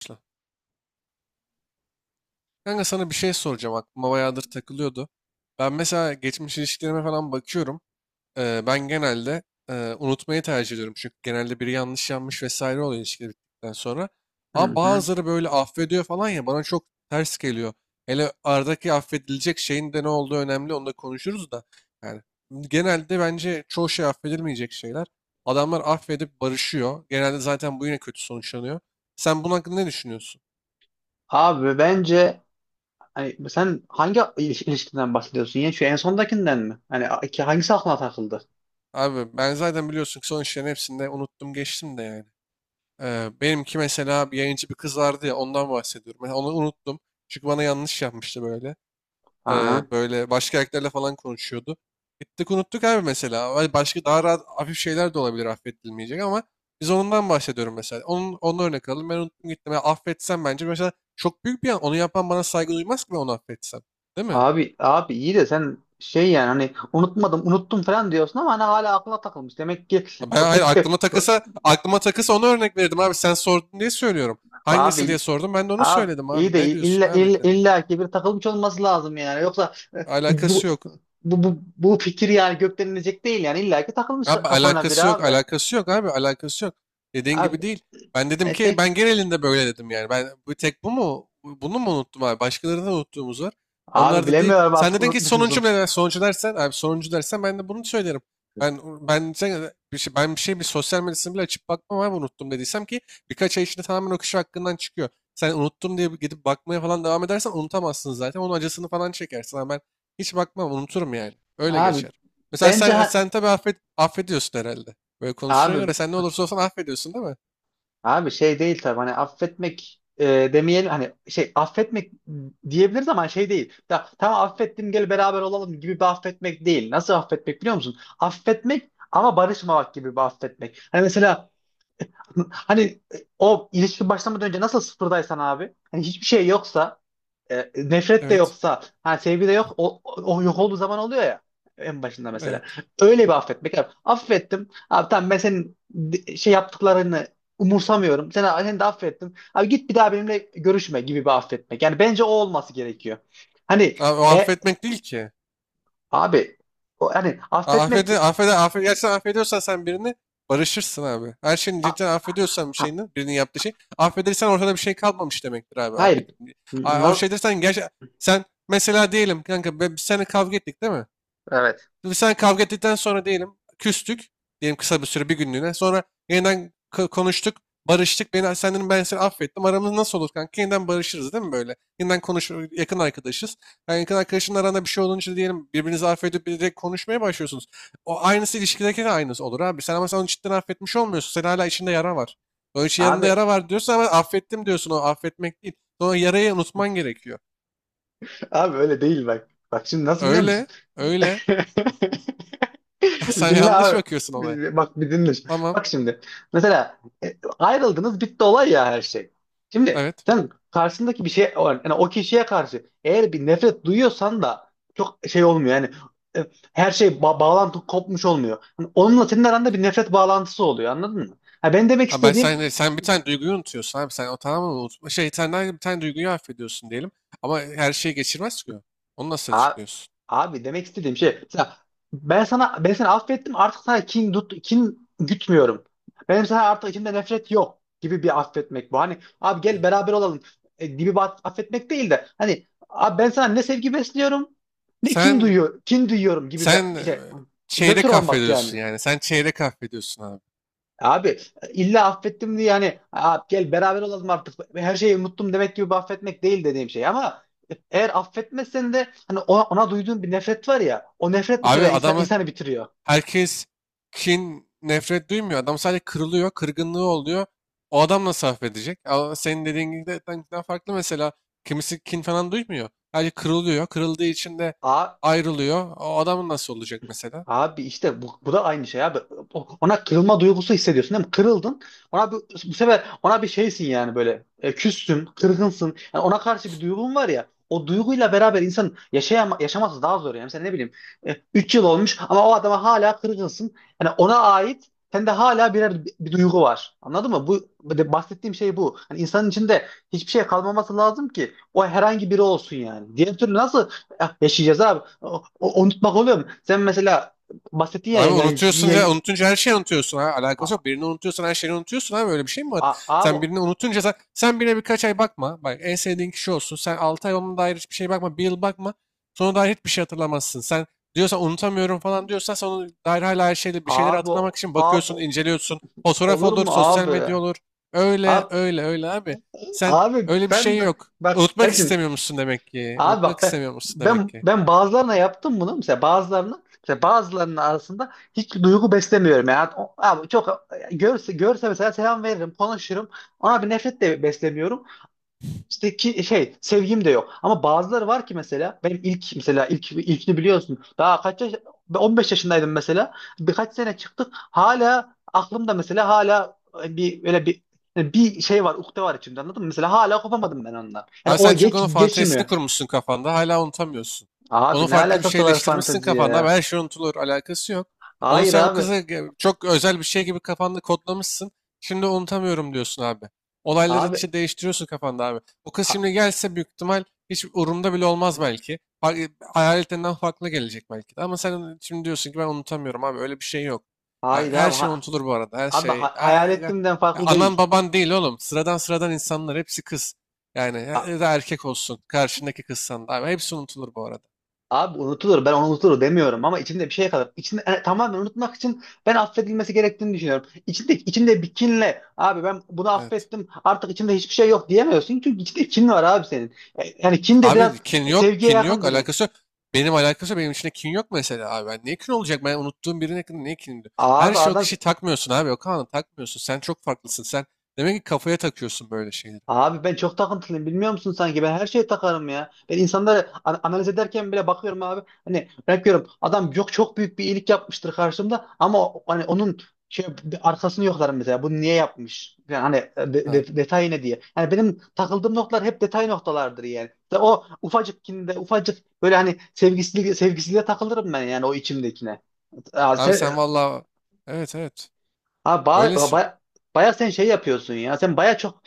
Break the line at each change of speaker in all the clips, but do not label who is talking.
Başla. Kanka sana bir şey soracağım. Aklıma bayağıdır takılıyordu. Ben mesela geçmiş ilişkilerime falan bakıyorum. Ben genelde unutmayı tercih ediyorum. Çünkü genelde biri yanlış yanmış vesaire oluyor ilişkiler bittikten sonra. Ama
Hı hı.
bazıları böyle affediyor falan ya bana çok ters geliyor. Hele aradaki affedilecek şeyin de ne olduğu önemli. Onu da konuşuruz da. Yani genelde bence çoğu şey affedilmeyecek şeyler. Adamlar affedip barışıyor. Genelde zaten bu yine kötü sonuçlanıyor. Sen bunun hakkında ne düşünüyorsun?
Abi bence hani sen hangi ilişkiden bahsediyorsun ya? Şu en sondakinden mi? Hani ki hangisi aklına takıldı?
Abi ben zaten biliyorsun ki son işlerin hepsinde unuttum geçtim de yani. Benimki mesela bir yayıncı bir kız vardı ya ondan bahsediyorum. Ben onu unuttum. Çünkü bana yanlış yapmıştı böyle.
Ha.
Böyle başka erkeklerle falan konuşuyordu. Gittik unuttuk abi mesela. Vay, başka daha rahat hafif şeyler de olabilir affedilmeyecek ama biz ondan bahsediyorum mesela. Onun örnek alalım. Ben unuttum gittim. Yani affetsem bence mesela çok büyük bir yan. Onu yapan bana saygı duymaz ki ben onu affetsem. Değil mi?
Abi iyi de sen şey yani hani unutmadım unuttum falan diyorsun ama hani hala aklına takılmış. Demek ki
Ben,
o
hayır,
pek de
aklıma takılsa aklıma takılsa onu örnek verirdim abi. Sen sordun diye söylüyorum. Hangisi diye
abi
sordum. Ben de onu
abi
söyledim abi.
iyi de
Ne diyorsun
illa
abi?
illa, illa ki bir takılmış olması lazım yani. Yoksa bu bu
Alakası yok.
bu, bu, bu fikir yani gökten inecek değil, yani illa ki takılmış
Abi
kafana bir
alakası yok,
abi.
alakası yok abi, alakası yok. Dediğin
Abi
gibi değil. Ben dedim ki ben
etek,
genelinde böyle dedim yani. Ben bu tek bu mu? Bunu mu unuttum abi? Başkalarını da unuttuğumuz var.
abi
Onlar da değil.
bilemiyorum
Sen
artık,
dedin ki
unutmuş
sonuncu mu?
musun?
Sonuncu dersen abi, sonuncu dersen ben de bunu söylerim. Ben ben ben bir sosyal medyasını bile açıp bakmam abi, unuttum dediysem ki birkaç ay içinde tamamen o kişi hakkından çıkıyor. Sen unuttum diye gidip bakmaya falan devam edersen unutamazsın zaten. Onun acısını falan çekersin. Ama ben hiç bakmam, unuturum yani. Öyle
Abi
geçer. Mesela
bence
sen sen tabii affediyorsun herhalde. Böyle konuştuğuna
abi
göre sen ne olursa olsun affediyorsun değil mi?
abi şey değil tabii, hani affetmek, demeyelim, hani şey affetmek diyebiliriz ama şey değil. Ta, tamam affettim gel beraber olalım gibi bir affetmek değil. Nasıl affetmek biliyor musun? Affetmek ama barışmamak gibi bir affetmek. Hani mesela, hani o ilişki başlamadan önce nasıl sıfırdaysan abi, hani hiçbir şey yoksa, nefret de
Evet.
yoksa, ha sevgi de yok, o yok olduğu zaman oluyor ya en başında mesela.
Evet.
Öyle bir affetmek. Abi, affettim. Abi tamam, ben senin şey yaptıklarını umursamıyorum. Seni de affettim. Abi git bir daha benimle görüşme gibi bir affetmek. Yani bence o olması gerekiyor. Hani
Abi, o
e,
affetmek değil ki.
abi, o, hani affetmek.
Affede, affede, affede, gerçekten affediyorsan sen birini barışırsın abi. Her şeyini cidden affediyorsan bir
ha,
şeyini, birinin yaptığı şey. Affedersen ortada bir şey kalmamış demektir abi. Affet.
hayır.
O
Na-
şey dersen gerçekten, sen mesela diyelim kanka, biz seninle kavga ettik değil mi?
evet.
Şimdi sen kavga ettikten sonra diyelim küstük. Diyelim kısa bir süre, bir günlüğüne. Sonra yeniden konuştuk. Barıştık. Ben seni affettim. Aramız nasıl olur kanka? Yeniden barışırız değil mi böyle? Yeniden konuş, yakın arkadaşız. Yani yakın arkadaşın aranda bir şey olunca diyelim birbirinizi affedip direkt konuşmaya başlıyorsunuz. O aynısı, ilişkideki de aynısı olur abi. Sen ama sen onu cidden affetmiş olmuyorsun. Senin hala içinde yara var. Onun için yanında
Abi
yara var diyorsun ama affettim diyorsun. O affetmek değil. Sonra yarayı unutman gerekiyor.
abi öyle değil bak. Bak şimdi, nasıl biliyor musun?
Öyle. Öyle.
Bir
Sen
dinle
yanlış
abi.
bakıyorsun
Bir-
olaya.
bir- Bak bir dinle şimdi.
Tamam.
Bak şimdi. Mesela ayrıldınız, bitti olay ya, her şey. Şimdi
Evet.
sen karşısındaki bir şey, yani o kişiye karşı eğer bir nefret duyuyorsan da çok şey olmuyor yani, e, her şey, bağlantı kopmuş olmuyor. Hani onunla senin aranda bir nefret bağlantısı oluyor, anladın mı? Ha, ben demek
Abi,
istediğim.
sen bir tane duyguyu unutuyorsun abi. Sen o tamamen unutma. Sen de bir tane duyguyu affediyorsun diyelim. Ama her şeyi geçirmez ki o. Onu nasıl
Abi,
açıklıyorsun?
abi demek istediğim şey mesela, ben sana, ben seni affettim artık, sana kin gütmüyorum. Benim sana artık içimde nefret yok gibi bir affetmek bu. Hani abi gel
Hı.
beraber olalım, gibi bir affetmek değil de, hani abi ben sana ne sevgi besliyorum, ne
Sen
kin duyuyorum gibi
sen
bir
e,
şey, nötr
çeyrek
olmak yani.
affediyorsun yani. Sen çeyrek affediyorsun abi.
Abi illa affettim diye yani, "Aa, gel beraber olalım, artık her şeyi unuttum" demek gibi bir affetmek değil dediğim şey, ama eğer affetmezsen de hani, ona duyduğun bir nefret var ya, o nefret bu
Abi
sefer
adamı
insanı bitiriyor.
herkes kin, nefret duymuyor. Adam sadece kırılıyor. Kırgınlığı oluyor. O adam nasıl affedecek? Ama senin dediğin gibi de farklı mesela. Kimisi kin falan duymuyor. Sadece kırılıyor. Kırıldığı için de
Aa.
ayrılıyor. O adamın nasıl olacak mesela?
Abi işte bu da aynı şey abi. Ona kırılma duygusu hissediyorsun değil mi? Kırıldın. Ona bir, bu sefer ona bir şeysin yani, böyle. E, küstün, kırgınsın. Yani ona karşı bir duygun var ya. O duyguyla beraber insan yaşaması daha zor yani. Mesela ne bileyim, 3 yıl olmuş ama o adama hala kırgınsın. Yani ona ait sende hala bir duygu var. Anladın mı? Bu bahsettiğim şey bu. Hani insanın içinde hiçbir şey kalmaması lazım ki o herhangi biri olsun yani. Diğer türlü nasıl yaşayacağız abi? Unutmak oluyor mu? Sen mesela bahsetti ya,
Abi,
yayıncı.
unutuyorsun ya, unutunca her şeyi unutuyorsun, ha
A-
alakası yok. Birini unutuyorsan her şeyi unutuyorsun abi, öyle bir şey mi var?
a- abi
Sen birini unutunca sen birine birkaç ay bakma. Bak en sevdiğin kişi olsun. Sen 6 ay onun dair hiçbir şey bakma. Bir yıl bakma. Sonra dair hiçbir şey hatırlamazsın. Sen diyorsan unutamıyorum falan diyorsan sen onun dair hala her şeyle bir şeyleri
abi
hatırlamak için
Abi
bakıyorsun, inceliyorsun. Fotoğraf
olur
olur,
mu
sosyal
abi?
medya olur. Öyle
Abi,
öyle öyle abi. Sen,
abi
öyle bir
ben
şey
de,
yok.
bak
Unutmak
Ercim,
istemiyor musun demek ki?
abi
Unutmak
bak ben
istemiyor musun demek
ben
ki?
ben bazılarına yaptım bunu mesela, bazılarına mesela, bazılarının arasında hiç duygu beslemiyorum yani. Abi çok görse görse mesela selam veririm, konuşurum, ona bir nefret de beslemiyorum. İşte ki şey, sevgim de yok. Ama bazıları var ki mesela, benim ilk, mesela ilkini biliyorsun. Daha kaç yaş, 15 yaşındaydım mesela. Birkaç sene çıktık. Hala aklımda mesela, hala bir öyle bir, bir şey var, ukde var içimde, anladın mı? Mesela hala kopamadım ben ondan. Yani
Abi
o
sen çünkü
geç
onun
geçmiyor.
fantezisini kurmuşsun kafanda. Hala unutamıyorsun. Onu
Abi ne
farklı bir
alakası var
şeyleştirmişsin
fantezi
kafanda. Abi
ya?
her şey unutulur. Alakası yok. Onu
Hayır
sen o
abi.
kıza çok özel bir şey gibi kafanda kodlamışsın. Şimdi unutamıyorum diyorsun abi. Olayları
Abi
işte değiştiriyorsun kafanda abi. O kız
ha-
şimdi gelse büyük ihtimal hiç umurumda bile olmaz belki. Hayaletlerinden farklı gelecek belki de. Ama sen şimdi diyorsun ki ben unutamıyorum abi. Öyle bir şey yok.
hayır
Her
abi.
şey unutulur bu arada. Her
Abi,
şey. Ay,
hayal
ay, ay.
ettiğimden
Ya
farklı
anan
değil.
baban değil oğlum. Sıradan sıradan insanlar hepsi kız. Yani ya da erkek olsun. Karşındaki kızsan da. Abi hepsi unutulur bu arada.
Abi unutulur. Ben onu unutulur demiyorum ama içinde bir şey kalır. İçinde, tamamen unutmak için ben affedilmesi gerektiğini düşünüyorum. İçinde bir kinle abi, ben bunu
Evet.
affettim, artık içimde hiçbir şey yok diyemiyorsun. Çünkü içinde kin var abi senin. Yani kin de biraz
Abi kin yok.
sevgiye
Kin yok.
yakındır ya.
Alakası yok. Benim alakası yok. Benim içinde kin yok mesela abi. Ben niye kin olacak? Ben unuttuğum birine niye kin diyor? Her
Abi
şey o
adam.
kişiyi takmıyorsun abi. O kanı takmıyorsun. Sen çok farklısın. Sen demek ki kafaya takıyorsun böyle şeyleri.
Abi ben çok takıntılıyım, bilmiyor musun, sanki ben her şeye takarım ya. Ben insanları analiz ederken bile bakıyorum abi. Hani örnek, adam yok, çok büyük bir iyilik yapmıştır karşımda, ama hani onun şey, bir arkasını yoklarım mesela, bunu niye yapmış? Yani hani,
Ha.
detayı ne diye. Yani benim takıldığım noktalar hep detay noktalardır yani. İşte o ufacık kinde, ufacık, böyle hani sevgisizliğe takılırım ben, yani o içimdekine. Aa,
Abi
sen,
sen vallahi, evet evet,
ha, ba,
öylesin.
ba, baya sen şey yapıyorsun ya, sen baya çok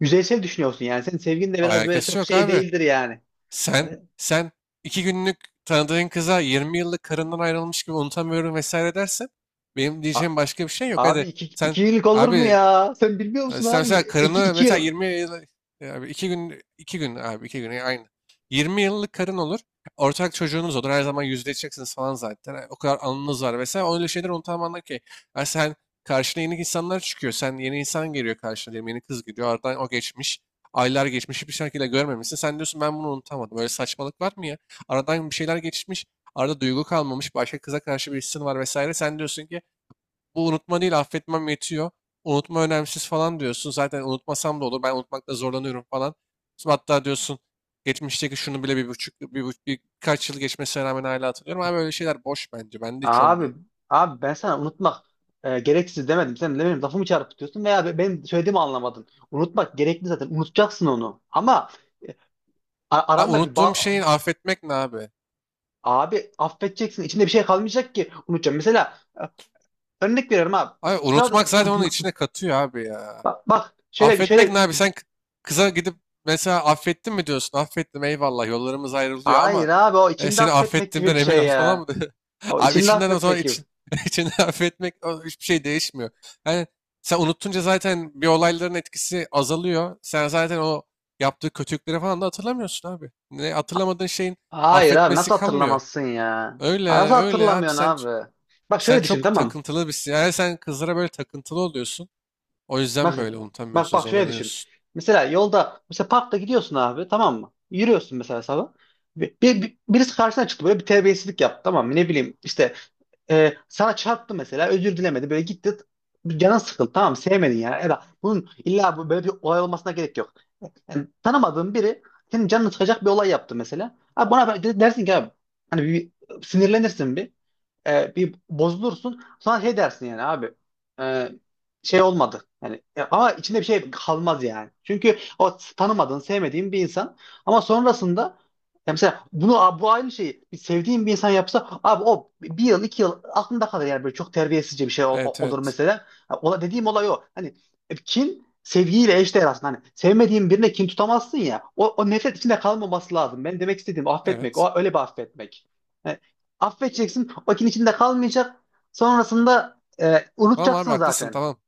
yüzeysel düşünüyorsun yani. Senin sevgin de biraz böyle
Alakası
çok
yok
şey
abi.
değildir yani.
Sen
Hani,
sen iki günlük tanıdığın kıza 20 yıllık karından ayrılmış gibi unutamıyorum vesaire dersen benim
a-
diyeceğim başka bir şey yok.
abi
Hadi
iki,
sen
iki yıllık, olur mu
abi.
ya? Sen bilmiyor
Yani
musun
sen
abi?
mesela
İki,
karını
iki
mesela
yıl.
20 yıl, yani iki gün, iki gün abi, iki gün yani aynı. 20 yıllık karın olur. Ortak çocuğunuz olur. Her zaman yüzleşeceksiniz falan zaten. Yani o kadar anınız var vesaire. Öyle şeyler unutamam ki. Yani sen, karşına yeni insanlar çıkıyor. Sen, yeni insan geliyor karşına diyelim. Yeni kız geliyor. Aradan o geçmiş. Aylar geçmiş. Hiçbir şekilde görmemişsin. Sen diyorsun ben bunu unutamadım. Böyle saçmalık var mı ya? Aradan bir şeyler geçmiş. Arada duygu kalmamış. Başka kıza karşı bir hissin var vesaire. Sen diyorsun ki bu unutma değil, affetmem yetiyor. Unutma önemsiz falan diyorsun. Zaten unutmasam da olur. Ben unutmakta zorlanıyorum falan. Sonra hatta diyorsun, geçmişteki şunu bile birkaç yıl geçmesine rağmen hala hatırlıyorum. Abi öyle şeyler boş bence. Bende hiç olmuyor.
Abi, abi ben sana unutmak gereksiz demedim. Sen de benim lafımı çarpıtıyorsun veya benim söylediğimi anlamadın. Unutmak gerekli zaten. Unutacaksın onu. Ama e,
Ha,
aranda bir
unuttuğum
bağ...
şeyi affetmek ne abi?
Abi affedeceksin. İçinde bir şey kalmayacak ki unutacağım. Mesela örnek veriyorum abi.
Abi unutmak
Sırada...
zaten onun içine katıyor abi ya.
Bak, bak,
Affetmek ne abi? Sen kıza gidip mesela affettin mi diyorsun? Affettim, eyvallah, yollarımız ayrılıyor
hayır
ama
abi, o içinde
seni
affetmek gibi bir
affettiğimden emin
şey
ol falan mı?
ya. O
Abi
içinde
içinden o zaman
affetmek gibi.
için, içinden affetmek, o hiçbir şey değişmiyor. Yani sen unuttunca zaten bir olayların etkisi azalıyor. Sen zaten o yaptığı kötülükleri falan da hatırlamıyorsun abi. Ne hatırlamadığın şeyin
Hayır abi, nasıl
affetmesi kalmıyor.
hatırlamazsın ya?
Öyle
Ay, nasıl
öyle abi,
hatırlamıyorsun
sen ç-
abi? Bak
sen
şöyle düşün,
çok
tamam mı?
takıntılı birsin. Yani sen kızlara böyle takıntılı oluyorsun. O yüzden
Bak
böyle
bak
unutamıyorsun,
bak şöyle düşün.
zorlanıyorsun.
Mesela yolda, mesela parkta gidiyorsun abi, tamam mı? Yürüyorsun mesela sabah. Birisi karşına çıktı, böyle bir terbiyesizlik yaptı, tamam mı? Ne bileyim işte, sana çarptı mesela, özür dilemedi, böyle gitti. Canın sıkıldı, tamam mı? Sevmedin yani. Eda, bunun illa böyle bir olay olmasına gerek yok. Yani tanımadığın biri senin canını sıkacak bir olay yaptı mesela. Abi buna dersin ki abi, hani bir sinirlenirsin, bir bir bozulursun, sonra şey dersin yani abi, e, şey olmadı. Yani ama içinde bir şey kalmaz yani. Çünkü o tanımadığın, sevmediğin bir insan, ama sonrasında ya, mesela bunu, bu aynı şeyi bir sevdiğin bir insan yapsa abi, o bir yıl 2 yıl aklında kalır yani, böyle çok terbiyesizce bir şey
Evet
olur
evet.
mesela. Ha, ola, dediğim olay o. Hani kin sevgiyle eşdeğer aslında. Hani sevmediğin birine kin tutamazsın ya. O nefret içinde kalmaması lazım. Ben demek istediğim o affetmek.
Evet.
O öyle bir affetmek. Yani affedeceksin. O kin içinde kalmayacak. Sonrasında
Tamam abi,
unutacaksın
haklısın,
zaten.
tamam.